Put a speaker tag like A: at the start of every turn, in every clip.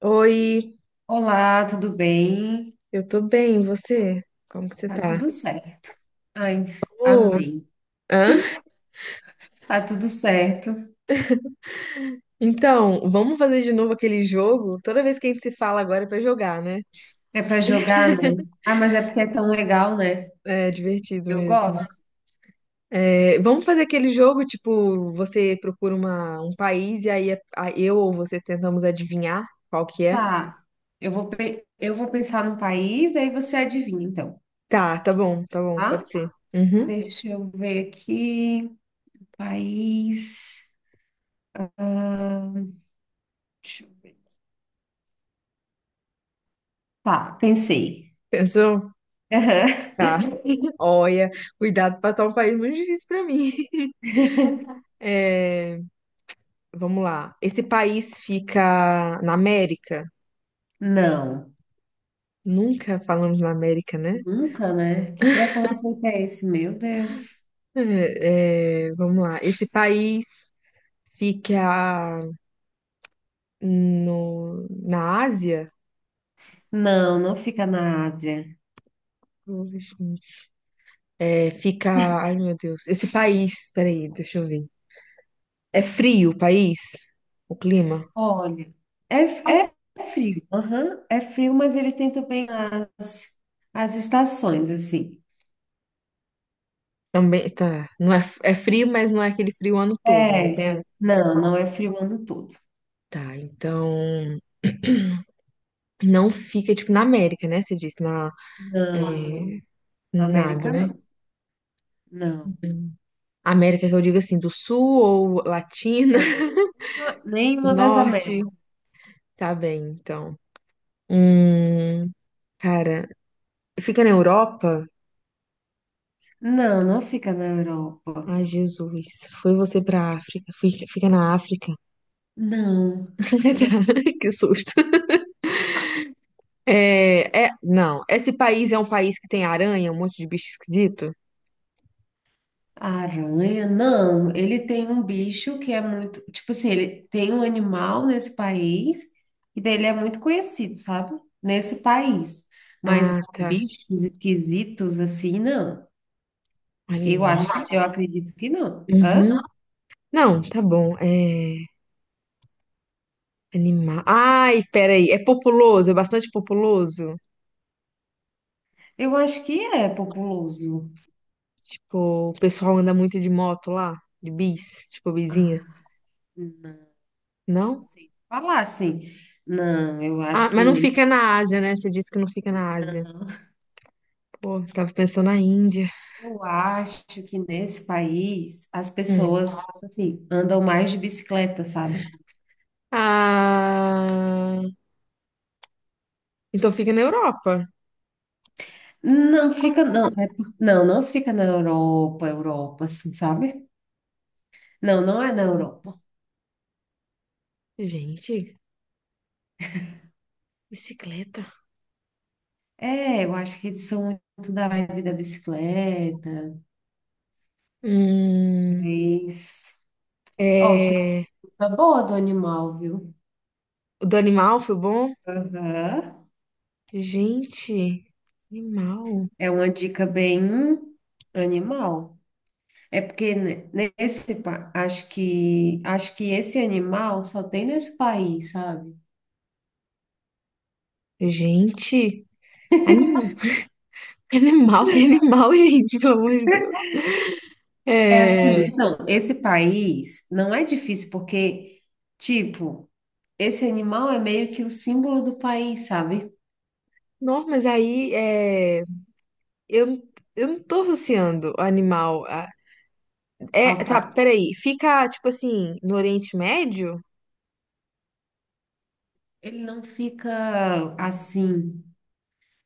A: Oi,
B: Olá, tudo bem?
A: eu tô bem, e você? Como que você
B: Tá
A: tá?
B: tudo certo. Ai,
A: Ô,
B: amém.
A: hã?
B: Tá tudo certo.
A: Então, vamos fazer de novo aquele jogo? Toda vez que a gente se fala agora é pra jogar, né?
B: É para jogar, né? Ah, mas é porque é tão legal, né?
A: É divertido
B: Eu
A: mesmo.
B: gosto.
A: É, vamos fazer aquele jogo, tipo, você procura um país e aí eu ou você tentamos adivinhar qual que é?
B: Tá. Eu vou pensar num país, daí você adivinha, então,
A: Tá, tá bom, pode
B: tá?
A: ser. Uhum.
B: Deixa eu ver aqui. País. Ah, deixa eu ver. Tá, pensei.
A: Pensou?
B: Aham.
A: Tá. Olha, cuidado pra tá um país muito difícil pra mim. É, vamos lá. Esse país fica na América?
B: Não,
A: Nunca falamos na América, né?
B: nunca, né? Que preconceito é esse? Meu Deus.
A: É, é, vamos lá. Esse país fica no, na Ásia?
B: Não, não fica na Ásia.
A: É, fica. Ai, meu Deus. Esse país. Peraí, deixa eu ver. É frio o país? O clima?
B: Olha, é, é é frio, aham, é frio, mas ele tem também as, as estações, assim.
A: Também. Tá. Não é, é frio, mas não é aquele frio o ano todo, né?
B: É,
A: Tem-
B: não, não é frio o ano todo.
A: Tá, então. Não fica, tipo, na América, né? Você disse, na. É,
B: Não, na
A: nada,
B: América
A: né?
B: não, não,
A: América que eu digo assim, do sul ou latina,
B: não. Nenhuma nenhuma das
A: norte,
B: Américas.
A: tá bem, então. Hum, cara, fica na Europa?
B: Não, não fica na Europa.
A: Ai, Jesus, foi você pra África, fica, fica na África.
B: Não, não.
A: Que susto. É, é, não, esse país é um país que tem aranha, um monte de bicho esquisito?
B: A aranha? Não, ele tem um bicho que é muito. Tipo assim, ele tem um animal nesse país, e daí ele é muito conhecido, sabe? Nesse país. Mas
A: Ah, tá,
B: bichos esquisitos assim, não.
A: animal.
B: Eu acredito que não. Hã?
A: Uhum. Não, tá bom, é, animal. Ai, peraí, é populoso, é bastante populoso?
B: Eu acho que é populoso.
A: Tipo, o pessoal anda muito de moto lá, tipo bizinha.
B: Ah, não, não
A: Não?
B: sei falar assim. Não, eu acho
A: Ah,
B: que
A: mas não
B: nem.
A: fica na Ásia, né? Você disse que não fica na Ásia. Pô, tava pensando na Índia.
B: Eu acho que nesse país as
A: Hum.
B: pessoas, assim, andam mais de bicicleta, sabe?
A: Ah, então fica na Europa.
B: Não fica, não, é por- não, não fica na Europa, Europa, assim, sabe? Não, não é na Europa.
A: Gente, bicicleta.
B: É, eu acho que eles são muito da vibe da bicicleta,
A: Hum,
B: mas... Ó, te dou
A: é,
B: uma boa do animal, viu?
A: o do animal foi bom?
B: Aham.
A: Gente, animal.
B: É uma dica bem animal. É porque ne- nesse, pa- acho que esse animal só tem nesse país, sabe?
A: Gente, animal. Animal, que animal, gente, pelo amor de Deus.
B: É assim,
A: É,
B: então, esse país não é difícil porque, tipo... Esse animal é meio que o símbolo do país, sabe?
A: não, mas aí é. Eu, não- eu não tô associando animal a.
B: Ao
A: É, tá,
B: par.
A: peraí. Fica, tipo assim, no Oriente Médio?
B: Ele não fica assim.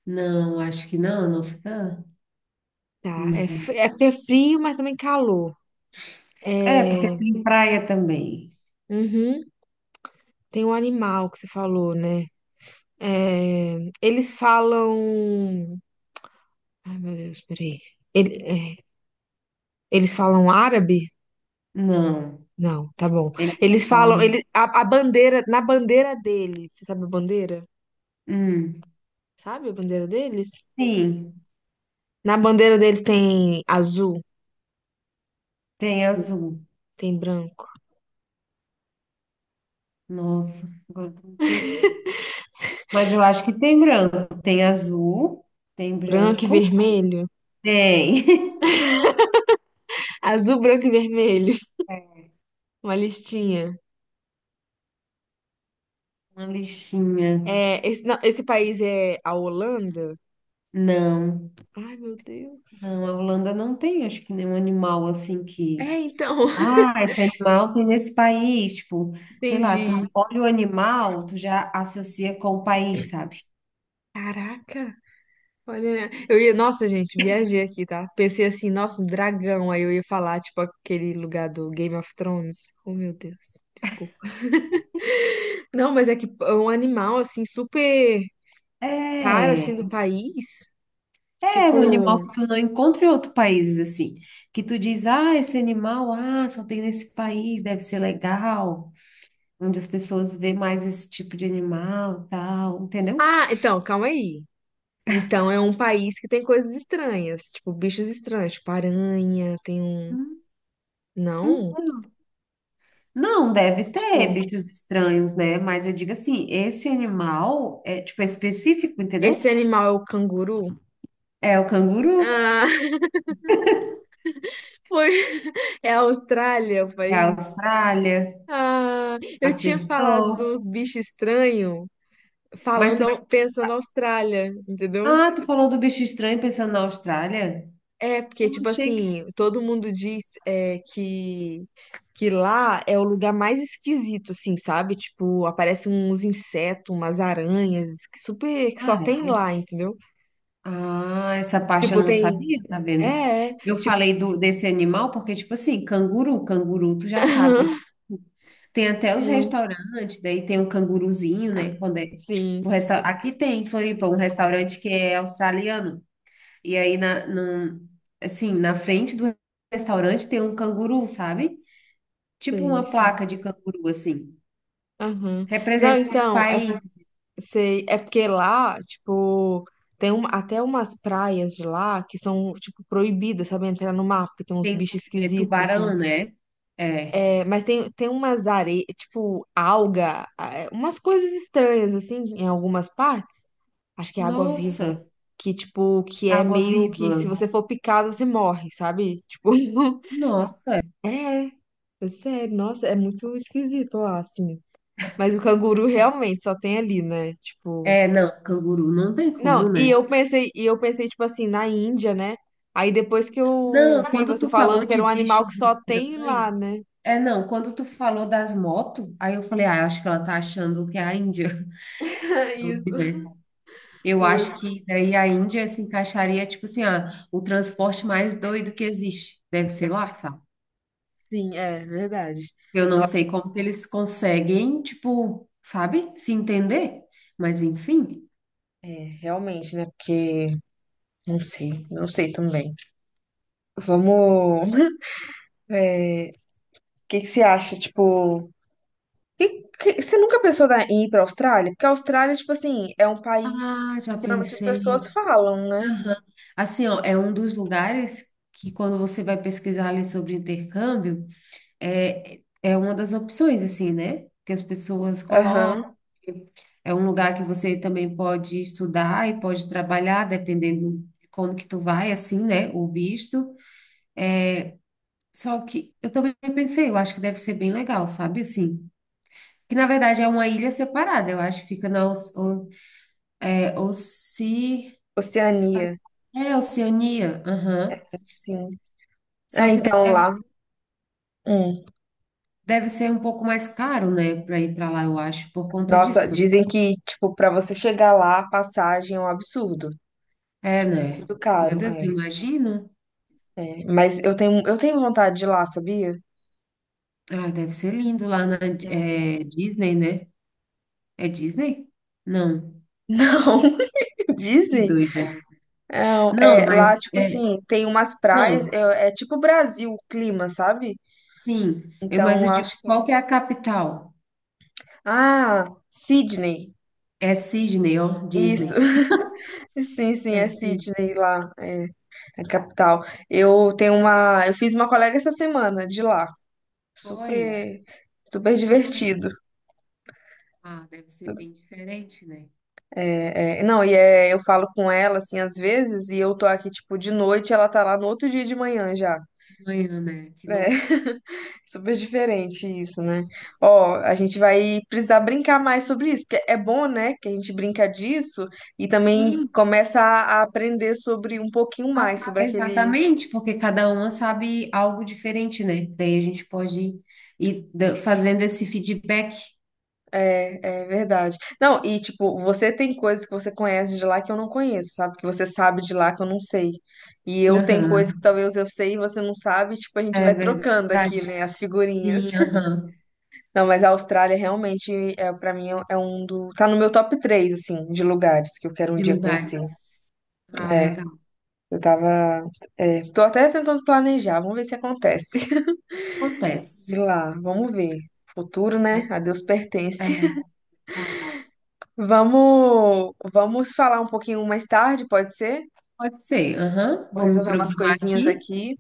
B: Não, acho que não, não fica.
A: Tá, é,
B: Não.
A: é porque é frio, mas também calor.
B: É, porque
A: É.
B: tem praia também.
A: Uhum, tem um animal que você falou, né? É, eles falam. Ai, meu Deus, peraí. Ele- é, Eles falam árabe?
B: Não.
A: Não, tá bom.
B: Eles
A: Eles falam.
B: falam.
A: Ele. A bandeira. Na bandeira deles. Você sabe a bandeira?
B: Hum.
A: Sabe a bandeira deles?
B: Sim,
A: Na bandeira deles tem azul,
B: tem azul.
A: tem branco.
B: Nossa, agora tu me pegou. Mas eu acho que tem branco. Tem azul, tem
A: Branco e
B: branco,
A: vermelho?
B: tem.
A: Azul, branco e vermelho. Uma listinha.
B: Uma lixinha.
A: É, esse, não, esse país é a Holanda?
B: Não.
A: Ai, meu Deus.
B: Não, a Holanda não tem, acho que nenhum animal assim que.
A: É, então.
B: Ah, esse animal tem nesse país. Tipo, sei lá,
A: Entendi.
B: tu olha o animal, tu já associa com o país, sabe?
A: Caraca. Olha, eu ia, nossa, gente, viajei aqui, tá? Pensei assim, nossa, um dragão. Aí eu ia falar, tipo, aquele lugar do Game of Thrones. Oh, meu Deus, desculpa. Não, mas é que é um animal, assim, super cara,
B: É,
A: assim, do país.
B: é
A: Tipo.
B: um animal que tu não encontra em outros países assim. Que tu diz, ah, esse animal, ah, só tem nesse país, deve ser legal. Onde as pessoas vê mais esse tipo de animal, tal, entendeu?
A: Ah, então, calma aí. Então é um país que tem coisas estranhas, tipo bichos estranhos, tipo aranha, tem um.
B: Hum,
A: Não,
B: então. Não, deve ter
A: tipo,
B: bichos estranhos, né? Mas eu digo assim, esse animal é tipo é específico,
A: esse
B: entendeu?
A: animal é o canguru?
B: É o canguru,
A: Ah, foi. É a Austrália o
B: é a
A: país?
B: Austrália,
A: Ah, eu tinha falado
B: acertou.
A: dos bichos estranhos,
B: Mas tu,
A: falando, pensando Austrália, entendeu?
B: ah, tu falou do bicho estranho pensando na Austrália?
A: É, porque,
B: Eu
A: tipo
B: achei que,
A: assim, todo mundo diz é, que lá é o lugar mais esquisito, assim, sabe? Tipo, aparecem uns insetos, umas aranhas, que super, que só
B: ah,
A: tem
B: é.
A: lá, entendeu?
B: Ah, essa parte eu
A: Tipo,
B: não
A: tem.
B: sabia, tá vendo?
A: É, é,
B: Eu
A: tipo.
B: falei do desse animal porque tipo assim, canguru, canguru, tu já sabe. Tem até os
A: Sim,
B: restaurantes, daí tem o canguruzinho, né? Quando é, tipo, o
A: sim,
B: resta... Aqui tem em Floripa um restaurante que é australiano. E aí, assim, na frente do restaurante tem um canguru, sabe? Tipo
A: sei,
B: uma
A: sim.
B: placa de canguru, assim.
A: Aham. Não,
B: Representando o
A: então, é,
B: país.
A: sei, é porque lá, tipo, tem um, até umas praias de lá que são, tipo, proibidas, sabe? Entrar no mar, porque tem uns
B: Tem
A: bichos
B: é,
A: esquisitos, assim.
B: tubarão, né? É.
A: É, mas tem, umas areias, tipo alga, é, umas coisas estranhas, assim, em algumas partes. Acho que é água
B: Nossa,
A: viva. Que, tipo, que é meio que se
B: água-viva.
A: você for picado, você morre, sabe? Tipo,
B: Nossa.
A: é, é sério, nossa, é muito esquisito lá, assim. Mas o canguru realmente só tem ali, né? Tipo.
B: É, não, canguru não tem
A: Não,
B: como, né?
A: e eu pensei, tipo assim, na Índia, né? Aí depois que eu
B: Não,
A: vi
B: quando
A: você
B: tu
A: falando
B: falou
A: que era
B: de
A: um animal que
B: bichos
A: só tem lá,
B: estranhos.
A: né?
B: É, não, quando tu falou das motos, aí eu falei, ah, acho que ela tá achando que é a Índia.
A: Isso,
B: Eu
A: foi.
B: acho que daí a Índia se encaixaria, tipo assim, ah, o transporte mais doido que existe. Deve ser lá, sabe?
A: Sim, é verdade.
B: Eu não
A: Nossa,
B: sei como que eles conseguem, tipo, sabe, se entender. Mas enfim.
A: é, realmente, né? Porque não sei, não sei também. Vamos. É, o que que você acha? Tipo, você nunca pensou em ir para a Austrália? Porque a Austrália, tipo assim, é um país
B: Ah, já
A: que geralmente as
B: pensei.
A: pessoas falam, né?
B: Aham. Assim, ó, é um dos lugares que quando você vai pesquisar ali sobre intercâmbio. É, é uma das opções, assim, né? Que as pessoas colocam.
A: Aham.
B: É um lugar que você também pode estudar e pode trabalhar, dependendo de como que tu vai, assim, né? O visto. Só que eu também pensei, eu acho que deve ser bem legal, sabe? Assim, que na verdade é uma ilha separada, eu acho que fica na Oce-,
A: Oceania,
B: é, Oceania, aham.
A: sim. É,
B: Só que
A: então
B: deve,
A: lá. Hum.
B: deve ser um pouco mais caro, né, para ir para lá, eu acho, por conta
A: Nossa,
B: disso.
A: dizem que, tipo, para você chegar lá, a passagem é um absurdo.
B: É,
A: Tipo,
B: né?
A: muito
B: Meu
A: caro.
B: Deus,
A: É,
B: eu imagino.
A: é. Mas eu tenho vontade de ir lá, sabia?
B: Ah, deve ser lindo lá na
A: É.
B: é, Disney, né? É Disney? Não,
A: Não,
B: que
A: Disney?
B: doida.
A: Não,
B: Não,
A: é,
B: mas
A: lá, tipo
B: é,
A: assim, tem umas praias,
B: não,
A: é, é tipo Brasil o clima, sabe?
B: sim. Eu, mas
A: Então,
B: eu digo,
A: acho que.
B: qual que é a capital?
A: Ah, Sydney.
B: É Sydney, ó,
A: Isso,
B: Disney.
A: sim, sim,
B: É
A: é
B: Sydney.
A: Sydney lá, é a capital. Eu tenho uma. Eu fiz uma colega essa semana de lá.
B: Foi?
A: Super. Super
B: Ah,
A: divertido.
B: ah, deve ser bem diferente, né?
A: É, é, não, e é, eu falo com ela, assim, às vezes, e eu tô aqui, tipo, de noite, ela tá lá no outro dia de manhã já.
B: De manhã, né? Que
A: É,
B: louco.
A: super diferente isso, né? Ó, a gente vai precisar brincar mais sobre isso, porque é bom, né, que a gente brinca disso e também
B: Sim,
A: começa a aprender sobre um pouquinho
B: ah,
A: mais
B: pre-
A: sobre aquele.
B: exatamente, porque cada uma sabe algo diferente, né? Daí a gente pode fazendo esse feedback.
A: É, é verdade. Não, e tipo, você tem coisas que você conhece de lá que eu não conheço, sabe? Que você sabe de lá que eu não sei. E eu tenho coisas que talvez eu sei e você não sabe, e, tipo, a gente
B: É
A: vai trocando
B: verdade.
A: aqui, né, as figurinhas.
B: Sim, aham.
A: Não, mas a Austrália realmente é para mim é um do tá no meu top 3 assim de lugares que eu quero um
B: De
A: dia conhecer.
B: lugares. Ah,
A: É,
B: legal.
A: eu tava é, tô até tentando planejar, vamos ver se acontece. Ir
B: Acontece.
A: lá, vamos ver. Futuro, né? A Deus
B: É
A: pertence.
B: verdade.
A: Vamos falar um pouquinho mais tarde, pode ser?
B: Pode ser, aham.
A: Vou
B: Vou me
A: resolver umas
B: programar
A: coisinhas
B: aqui.
A: aqui.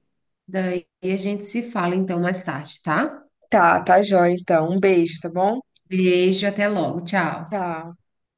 B: Daí a gente se fala então mais tarde, tá?
A: Tá, tá jóia então. Um beijo, tá bom?
B: Beijo, até logo. Tchau.
A: Tchau.